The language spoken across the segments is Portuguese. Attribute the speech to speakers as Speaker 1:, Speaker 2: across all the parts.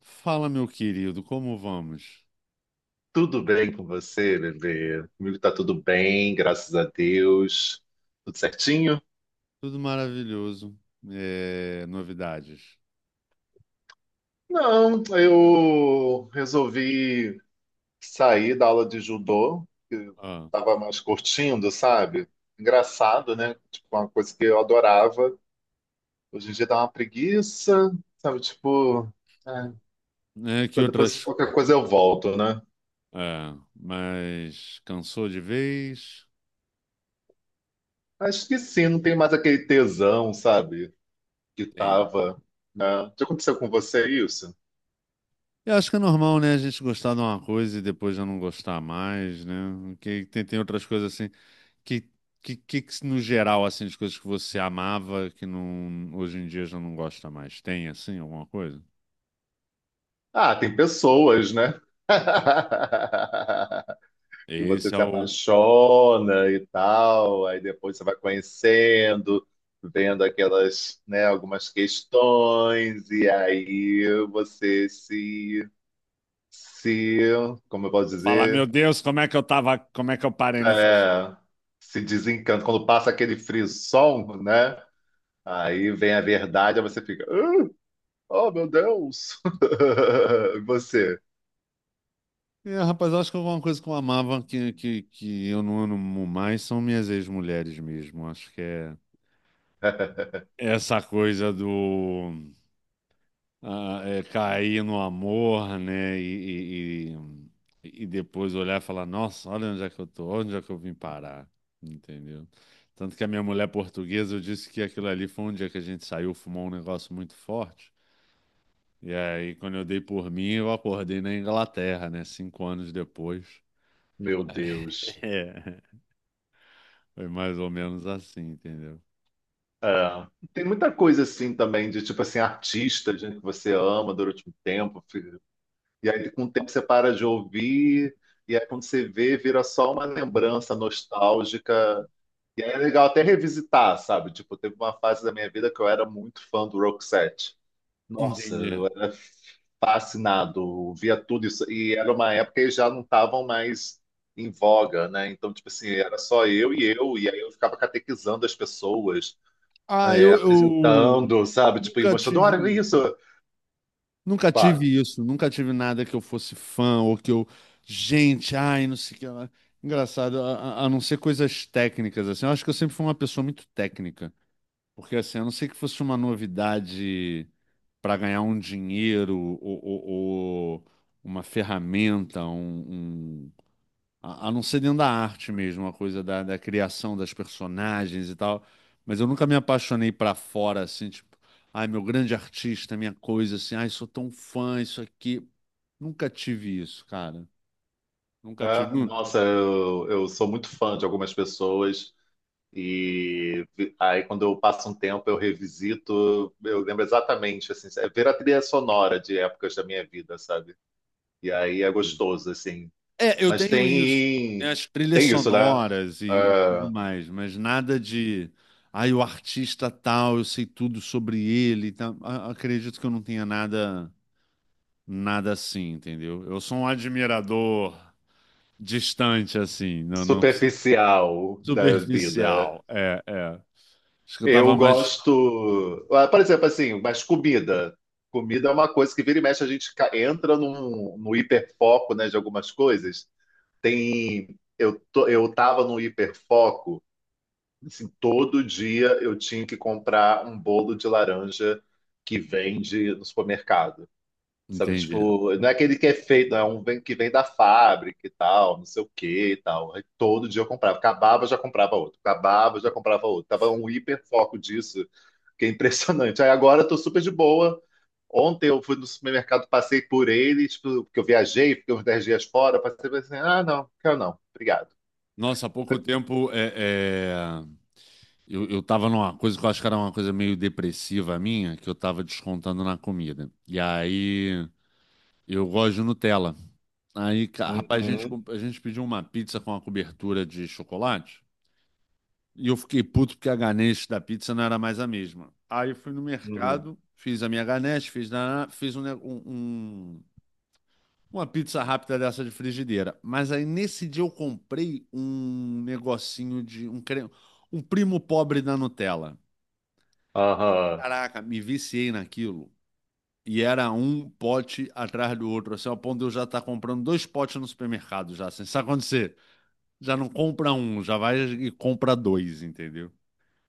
Speaker 1: Fala, meu querido, como vamos?
Speaker 2: Tudo bem com você, bebê? Comigo tá tudo bem, graças a Deus. Tudo certinho?
Speaker 1: Tudo maravilhoso. É, novidades.
Speaker 2: Não, eu resolvi sair da aula de judô, que eu
Speaker 1: Ah,
Speaker 2: tava mais curtindo, sabe? Engraçado, né? Tipo, uma coisa que eu adorava. Hoje em dia dá uma preguiça, sabe? Tipo, é,
Speaker 1: que
Speaker 2: depois
Speaker 1: outras.
Speaker 2: qualquer coisa eu volto, né?
Speaker 1: É, mas cansou de vez?
Speaker 2: Acho que sim, não tem mais aquele tesão, sabe? Que
Speaker 1: Tem.
Speaker 2: tava, né? Já aconteceu com você isso?
Speaker 1: Eu acho que é normal, né? A gente gostar de uma coisa e depois já não gostar mais, né? Que tem, tem outras coisas assim. Que, que, no geral, assim, de coisas que você amava que não, hoje em dia já não gosta mais? Tem, assim, alguma coisa?
Speaker 2: Ah, tem pessoas, né? Que você
Speaker 1: Esse é
Speaker 2: se
Speaker 1: o.
Speaker 2: apaixona e tal, aí depois você vai conhecendo, vendo aquelas, né, algumas questões, e aí você se, como eu posso
Speaker 1: Você fala, meu
Speaker 2: dizer,
Speaker 1: Deus, como é que eu tava, como é que eu parei nessa.
Speaker 2: É, se desencanta. Quando passa aquele frisson, né? Aí vem a verdade, aí você fica, "Ah, oh meu Deus! E você,
Speaker 1: É, rapaz, eu acho que alguma coisa que eu amava que eu não amo mais são minhas ex-mulheres mesmo. Acho que é essa coisa do cair no amor, né? E depois olhar e falar, nossa, olha onde é que eu tô, onde é que eu vim parar, entendeu? Tanto que a minha mulher portuguesa, eu disse que aquilo ali foi um dia que a gente saiu, fumou um negócio muito forte. E aí, quando eu dei por mim, eu acordei na Inglaterra, né? 5 anos depois.
Speaker 2: meu Deus.
Speaker 1: Foi mais ou menos assim, entendeu?
Speaker 2: É. Tem muita coisa assim também, de tipo assim, artista, gente que você ama durante um tempo, filho. E aí com o tempo você para de ouvir, e aí quando você vê, vira só uma lembrança nostálgica. E aí é legal até revisitar, sabe? Tipo, teve uma fase da minha vida que eu era muito fã do Roxette. Nossa,
Speaker 1: Entendi.
Speaker 2: eu era fascinado, via tudo isso. E era uma época que já não estavam mais em voga, né? Então, tipo assim, era só eu, e aí eu ficava catequizando as pessoas
Speaker 1: Ah,
Speaker 2: é,
Speaker 1: eu
Speaker 2: apresentando, sabe? Tipo, e
Speaker 1: nunca
Speaker 2: mostrando, olha
Speaker 1: tive,
Speaker 2: isso.
Speaker 1: nunca tive
Speaker 2: Pá,
Speaker 1: isso, nunca tive nada que eu fosse fã ou que eu, gente, ai, não sei o que lá. Engraçado, a não ser coisas técnicas, assim, eu acho que eu sempre fui uma pessoa muito técnica, porque assim, a não ser que fosse uma novidade para ganhar um dinheiro ou, ou uma ferramenta, um. A não ser dentro da arte mesmo, uma coisa da, da criação das personagens e tal. Mas eu nunca me apaixonei pra fora, assim, tipo, ai, meu grande artista, minha coisa, assim, ai, sou tão fã, isso aqui. Nunca tive isso, cara. Nunca tive.
Speaker 2: né? Nossa, eu sou muito fã de algumas pessoas. E aí, quando eu passo um tempo, eu revisito, eu lembro exatamente, assim, é ver a trilha sonora de épocas da minha vida, sabe? E aí é gostoso, assim.
Speaker 1: É, eu
Speaker 2: Mas
Speaker 1: tenho isso. Tem
Speaker 2: tem,
Speaker 1: as trilhas
Speaker 2: tem isso, né?
Speaker 1: sonoras e tudo
Speaker 2: Ah,
Speaker 1: mais, mas nada de. Ai, o artista tal, eu sei tudo sobre ele. E tal. Acredito que eu não tenha nada, nada assim, entendeu? Eu sou um admirador distante, assim, não
Speaker 2: superficial da vida.
Speaker 1: superficial. É, é. Acho que eu
Speaker 2: Eu
Speaker 1: tava mais.
Speaker 2: gosto. Por exemplo, assim, mas comida. Comida é uma coisa que vira e mexe, a gente entra no hiperfoco, né, de algumas coisas. Tem. Eu tava no hiperfoco, assim, todo dia eu tinha que comprar um bolo de laranja que vende no supermercado. Sabe,
Speaker 1: Entendi.
Speaker 2: tipo, não é aquele que é feito, é um que vem da fábrica e tal, não sei o que e tal. Aí todo dia eu comprava. Acabava, já comprava outro. Acabava, já comprava outro. Tava um hiperfoco disso que é impressionante. Aí agora eu tô super de boa. Ontem eu fui no supermercado, passei por ele, tipo, porque eu viajei, fiquei uns 10 dias fora, passei por assim, ah, não, quero não, obrigado.
Speaker 1: Nossa, há pouco tempo eu tava numa coisa que eu acho que era uma coisa meio depressiva minha, que eu tava descontando na comida. E aí eu gosto de Nutella. Aí, rapaz, a gente,
Speaker 2: Uhum,
Speaker 1: a gente pediu uma pizza com uma cobertura de chocolate. E eu fiquei puto porque a ganache da pizza não era mais a mesma. Aí eu fui no
Speaker 2: uhum,
Speaker 1: mercado, fiz a minha ganache, fiz, na, fiz um, um. Uma pizza rápida dessa de frigideira. Mas aí nesse dia eu comprei um negocinho de um creme, um primo pobre da Nutella.
Speaker 2: aham,
Speaker 1: Caraca, me viciei naquilo. E era um pote atrás do outro, assim, ao ponto de eu já estar comprando dois potes no supermercado já, assim. Sabe quando você já não compra um, já vai e compra dois, entendeu?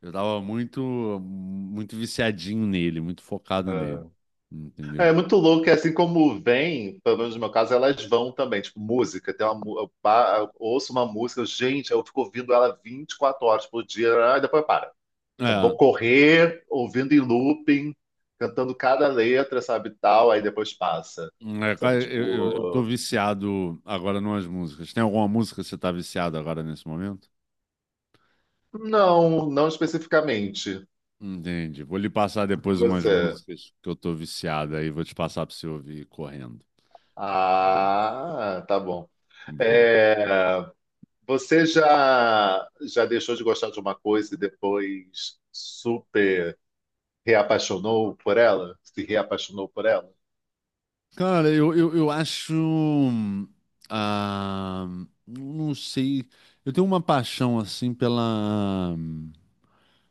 Speaker 1: Eu tava muito, muito viciadinho nele, muito focado nele,
Speaker 2: aham.
Speaker 1: entendeu?
Speaker 2: É muito louco, é assim como vem, pelo menos no meu caso, elas vão também, tipo, música, tem uma, eu ouço uma música, gente, eu fico ouvindo ela 24 horas por dia, depois para. Sabe?
Speaker 1: É,
Speaker 2: Vou correr ouvindo em looping, cantando cada letra, sabe, tal, aí depois passa.
Speaker 1: hum, é, cara,
Speaker 2: Sabe,
Speaker 1: eu tô
Speaker 2: tipo,
Speaker 1: viciado agora numas músicas. Tem alguma música que você tá viciado agora nesse momento?
Speaker 2: não, não especificamente.
Speaker 1: Entendi. Vou lhe passar
Speaker 2: E
Speaker 1: depois umas
Speaker 2: você?
Speaker 1: músicas que eu tô viciado aí, vou te passar pra você ouvir correndo.
Speaker 2: Ah, tá bom.
Speaker 1: Boa.
Speaker 2: É, você já deixou de gostar de uma coisa e depois super reapaixonou por ela? Se reapaixonou por ela?
Speaker 1: Cara, eu acho. Ah, não sei. Eu tenho uma paixão assim pela,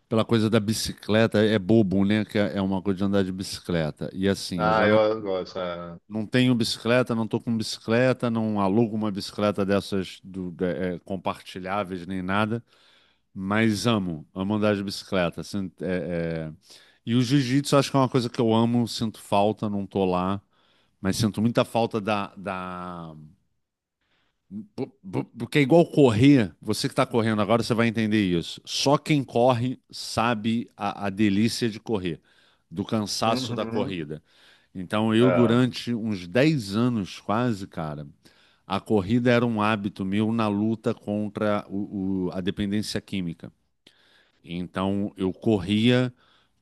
Speaker 1: pela coisa da bicicleta. É bobo, né? Que é uma coisa de andar de bicicleta. E assim, eu
Speaker 2: Ah,
Speaker 1: já não.
Speaker 2: eu gosto. É.
Speaker 1: Não tenho bicicleta, não tô com bicicleta, não alugo uma bicicleta dessas compartilháveis nem nada, mas amo, amo andar de bicicleta. Assim, é, é. E o jiu-jitsu acho que é uma coisa que eu amo, sinto falta, não tô lá, mas sinto muita falta da, da porque é igual correr, você que está correndo agora, você vai entender isso. Só quem corre sabe a delícia de correr, do cansaço da
Speaker 2: Uhum.
Speaker 1: corrida. Então, eu,
Speaker 2: É.
Speaker 1: durante uns 10 anos quase, cara, a corrida era um hábito meu na luta contra a dependência química. Então eu corria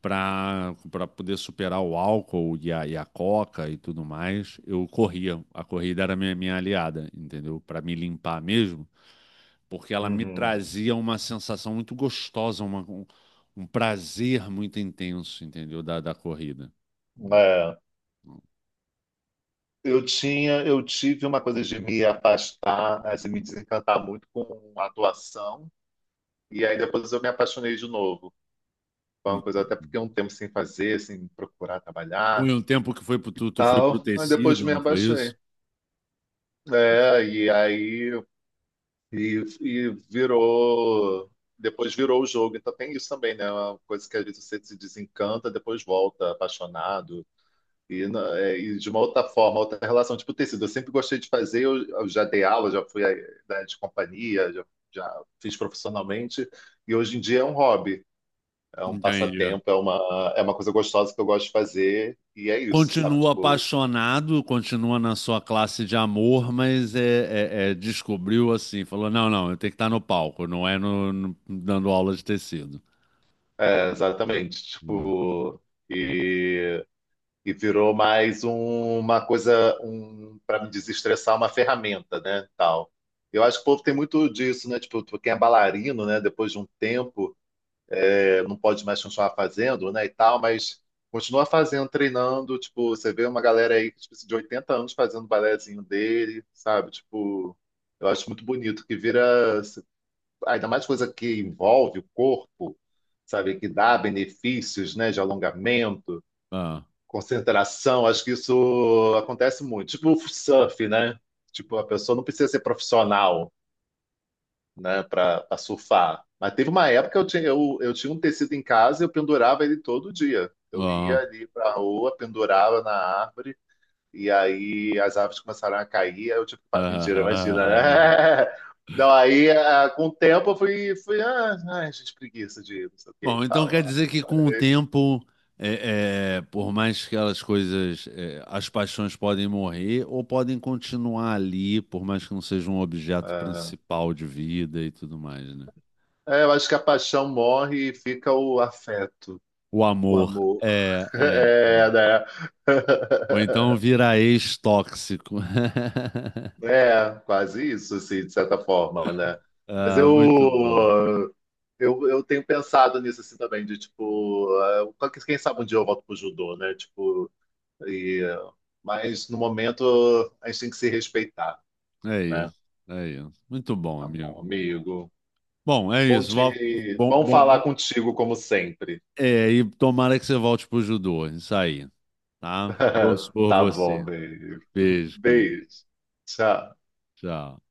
Speaker 1: para poder superar o álcool e a coca e tudo mais. Eu corria. A corrida era minha, minha aliada, entendeu? Para me limpar mesmo, porque ela me
Speaker 2: Uhum.
Speaker 1: trazia uma sensação muito gostosa, uma, um prazer muito intenso, entendeu? Da, da corrida. Hum,
Speaker 2: É. Eu tive uma coisa de me afastar, assim, me desencantar muito com a atuação, e aí depois eu me apaixonei de novo. Foi uma coisa até
Speaker 1: Entendi.
Speaker 2: porque um tempo sem fazer, sem procurar
Speaker 1: Foi
Speaker 2: trabalhar,
Speaker 1: um tempo que foi pro, tu foi pro
Speaker 2: tal. Aí depois
Speaker 1: tecido,
Speaker 2: me
Speaker 1: não foi
Speaker 2: abaixei.
Speaker 1: isso?
Speaker 2: É, e aí e virou, depois virou o jogo. Então tem isso também, né? É uma coisa que às vezes você se desencanta, depois volta apaixonado. E, de uma outra forma, outra relação, tipo tecido. Eu sempre gostei de fazer, eu já dei aula, já fui eh, da de companhia, já, já fiz profissionalmente, e hoje em dia é um hobby, é um
Speaker 1: Entendi. É.
Speaker 2: passatempo, é uma coisa gostosa que eu gosto de fazer, e é isso, sabe?
Speaker 1: Continua
Speaker 2: Tipo,
Speaker 1: apaixonado, continua na sua classe de amor, mas é, descobriu assim, falou, não, não, eu tenho que estar no palco, não é no, dando aula de tecido.
Speaker 2: é, exatamente.
Speaker 1: Hum.
Speaker 2: Tipo, e, e virou mais uma coisa, um, para me desestressar, uma ferramenta, né? Tal. Eu acho que o povo tem muito disso, né? Tipo, quem é bailarino, né? Depois de um tempo. É, não pode mais continuar fazendo, né, e tal, mas continua fazendo, treinando, tipo, você vê uma galera aí tipo, de 80 anos fazendo o balézinho dele, sabe? Tipo, eu acho muito bonito que vira, ainda mais coisa que envolve o corpo, sabe? Que dá benefícios, né, de alongamento,
Speaker 1: Ah,
Speaker 2: concentração, acho que isso acontece muito. Tipo o surf, né? Tipo, a pessoa não precisa ser profissional, né, para surfar. Mas teve uma época que eu tinha um tecido em casa e eu pendurava ele todo dia. Eu ia
Speaker 1: ah,
Speaker 2: ali para a rua, pendurava na árvore, e aí as árvores começaram a cair. Aí eu tipo, pá,
Speaker 1: ah,
Speaker 2: mentira,
Speaker 1: ah,
Speaker 2: imagina,
Speaker 1: ah. Ah.
Speaker 2: né? Não, aí com o tempo eu fui ai, gente, preguiça de não sei o que e
Speaker 1: Bom, então quer
Speaker 2: tal.
Speaker 1: dizer que com o tempo, é, é, por mais que aquelas coisas, é, as paixões podem morrer ou podem continuar ali, por mais que não seja um objeto
Speaker 2: Ah,
Speaker 1: principal de vida e tudo mais, né?
Speaker 2: é, é, eu acho que a paixão morre e fica o afeto,
Speaker 1: O
Speaker 2: o
Speaker 1: amor
Speaker 2: amor.
Speaker 1: é, é.
Speaker 2: É, né?
Speaker 1: Ou então vira ex-tóxico.
Speaker 2: É, quase isso, assim, de certa forma, né? Mas
Speaker 1: Ah, muito bom.
Speaker 2: eu tenho pensado nisso assim também, de tipo, qual quem sabe um dia eu volto pro judô, né? Tipo, e, eh, mas no momento a gente tem que se respeitar,
Speaker 1: É
Speaker 2: né?
Speaker 1: isso, é isso. Muito bom,
Speaker 2: Tá
Speaker 1: amigo,
Speaker 2: bom,
Speaker 1: muito bom.
Speaker 2: amigo.
Speaker 1: Bom, é
Speaker 2: Bom
Speaker 1: isso.
Speaker 2: te,
Speaker 1: Bom,
Speaker 2: bom
Speaker 1: bom,
Speaker 2: falar
Speaker 1: bom.
Speaker 2: contigo como sempre.
Speaker 1: É, e tomara que você volte pro judô, isso aí, tá? Torço por
Speaker 2: Tá bom,
Speaker 1: você.
Speaker 2: beijo.
Speaker 1: Beijo, querido.
Speaker 2: Beijo. Tchau.
Speaker 1: Tchau.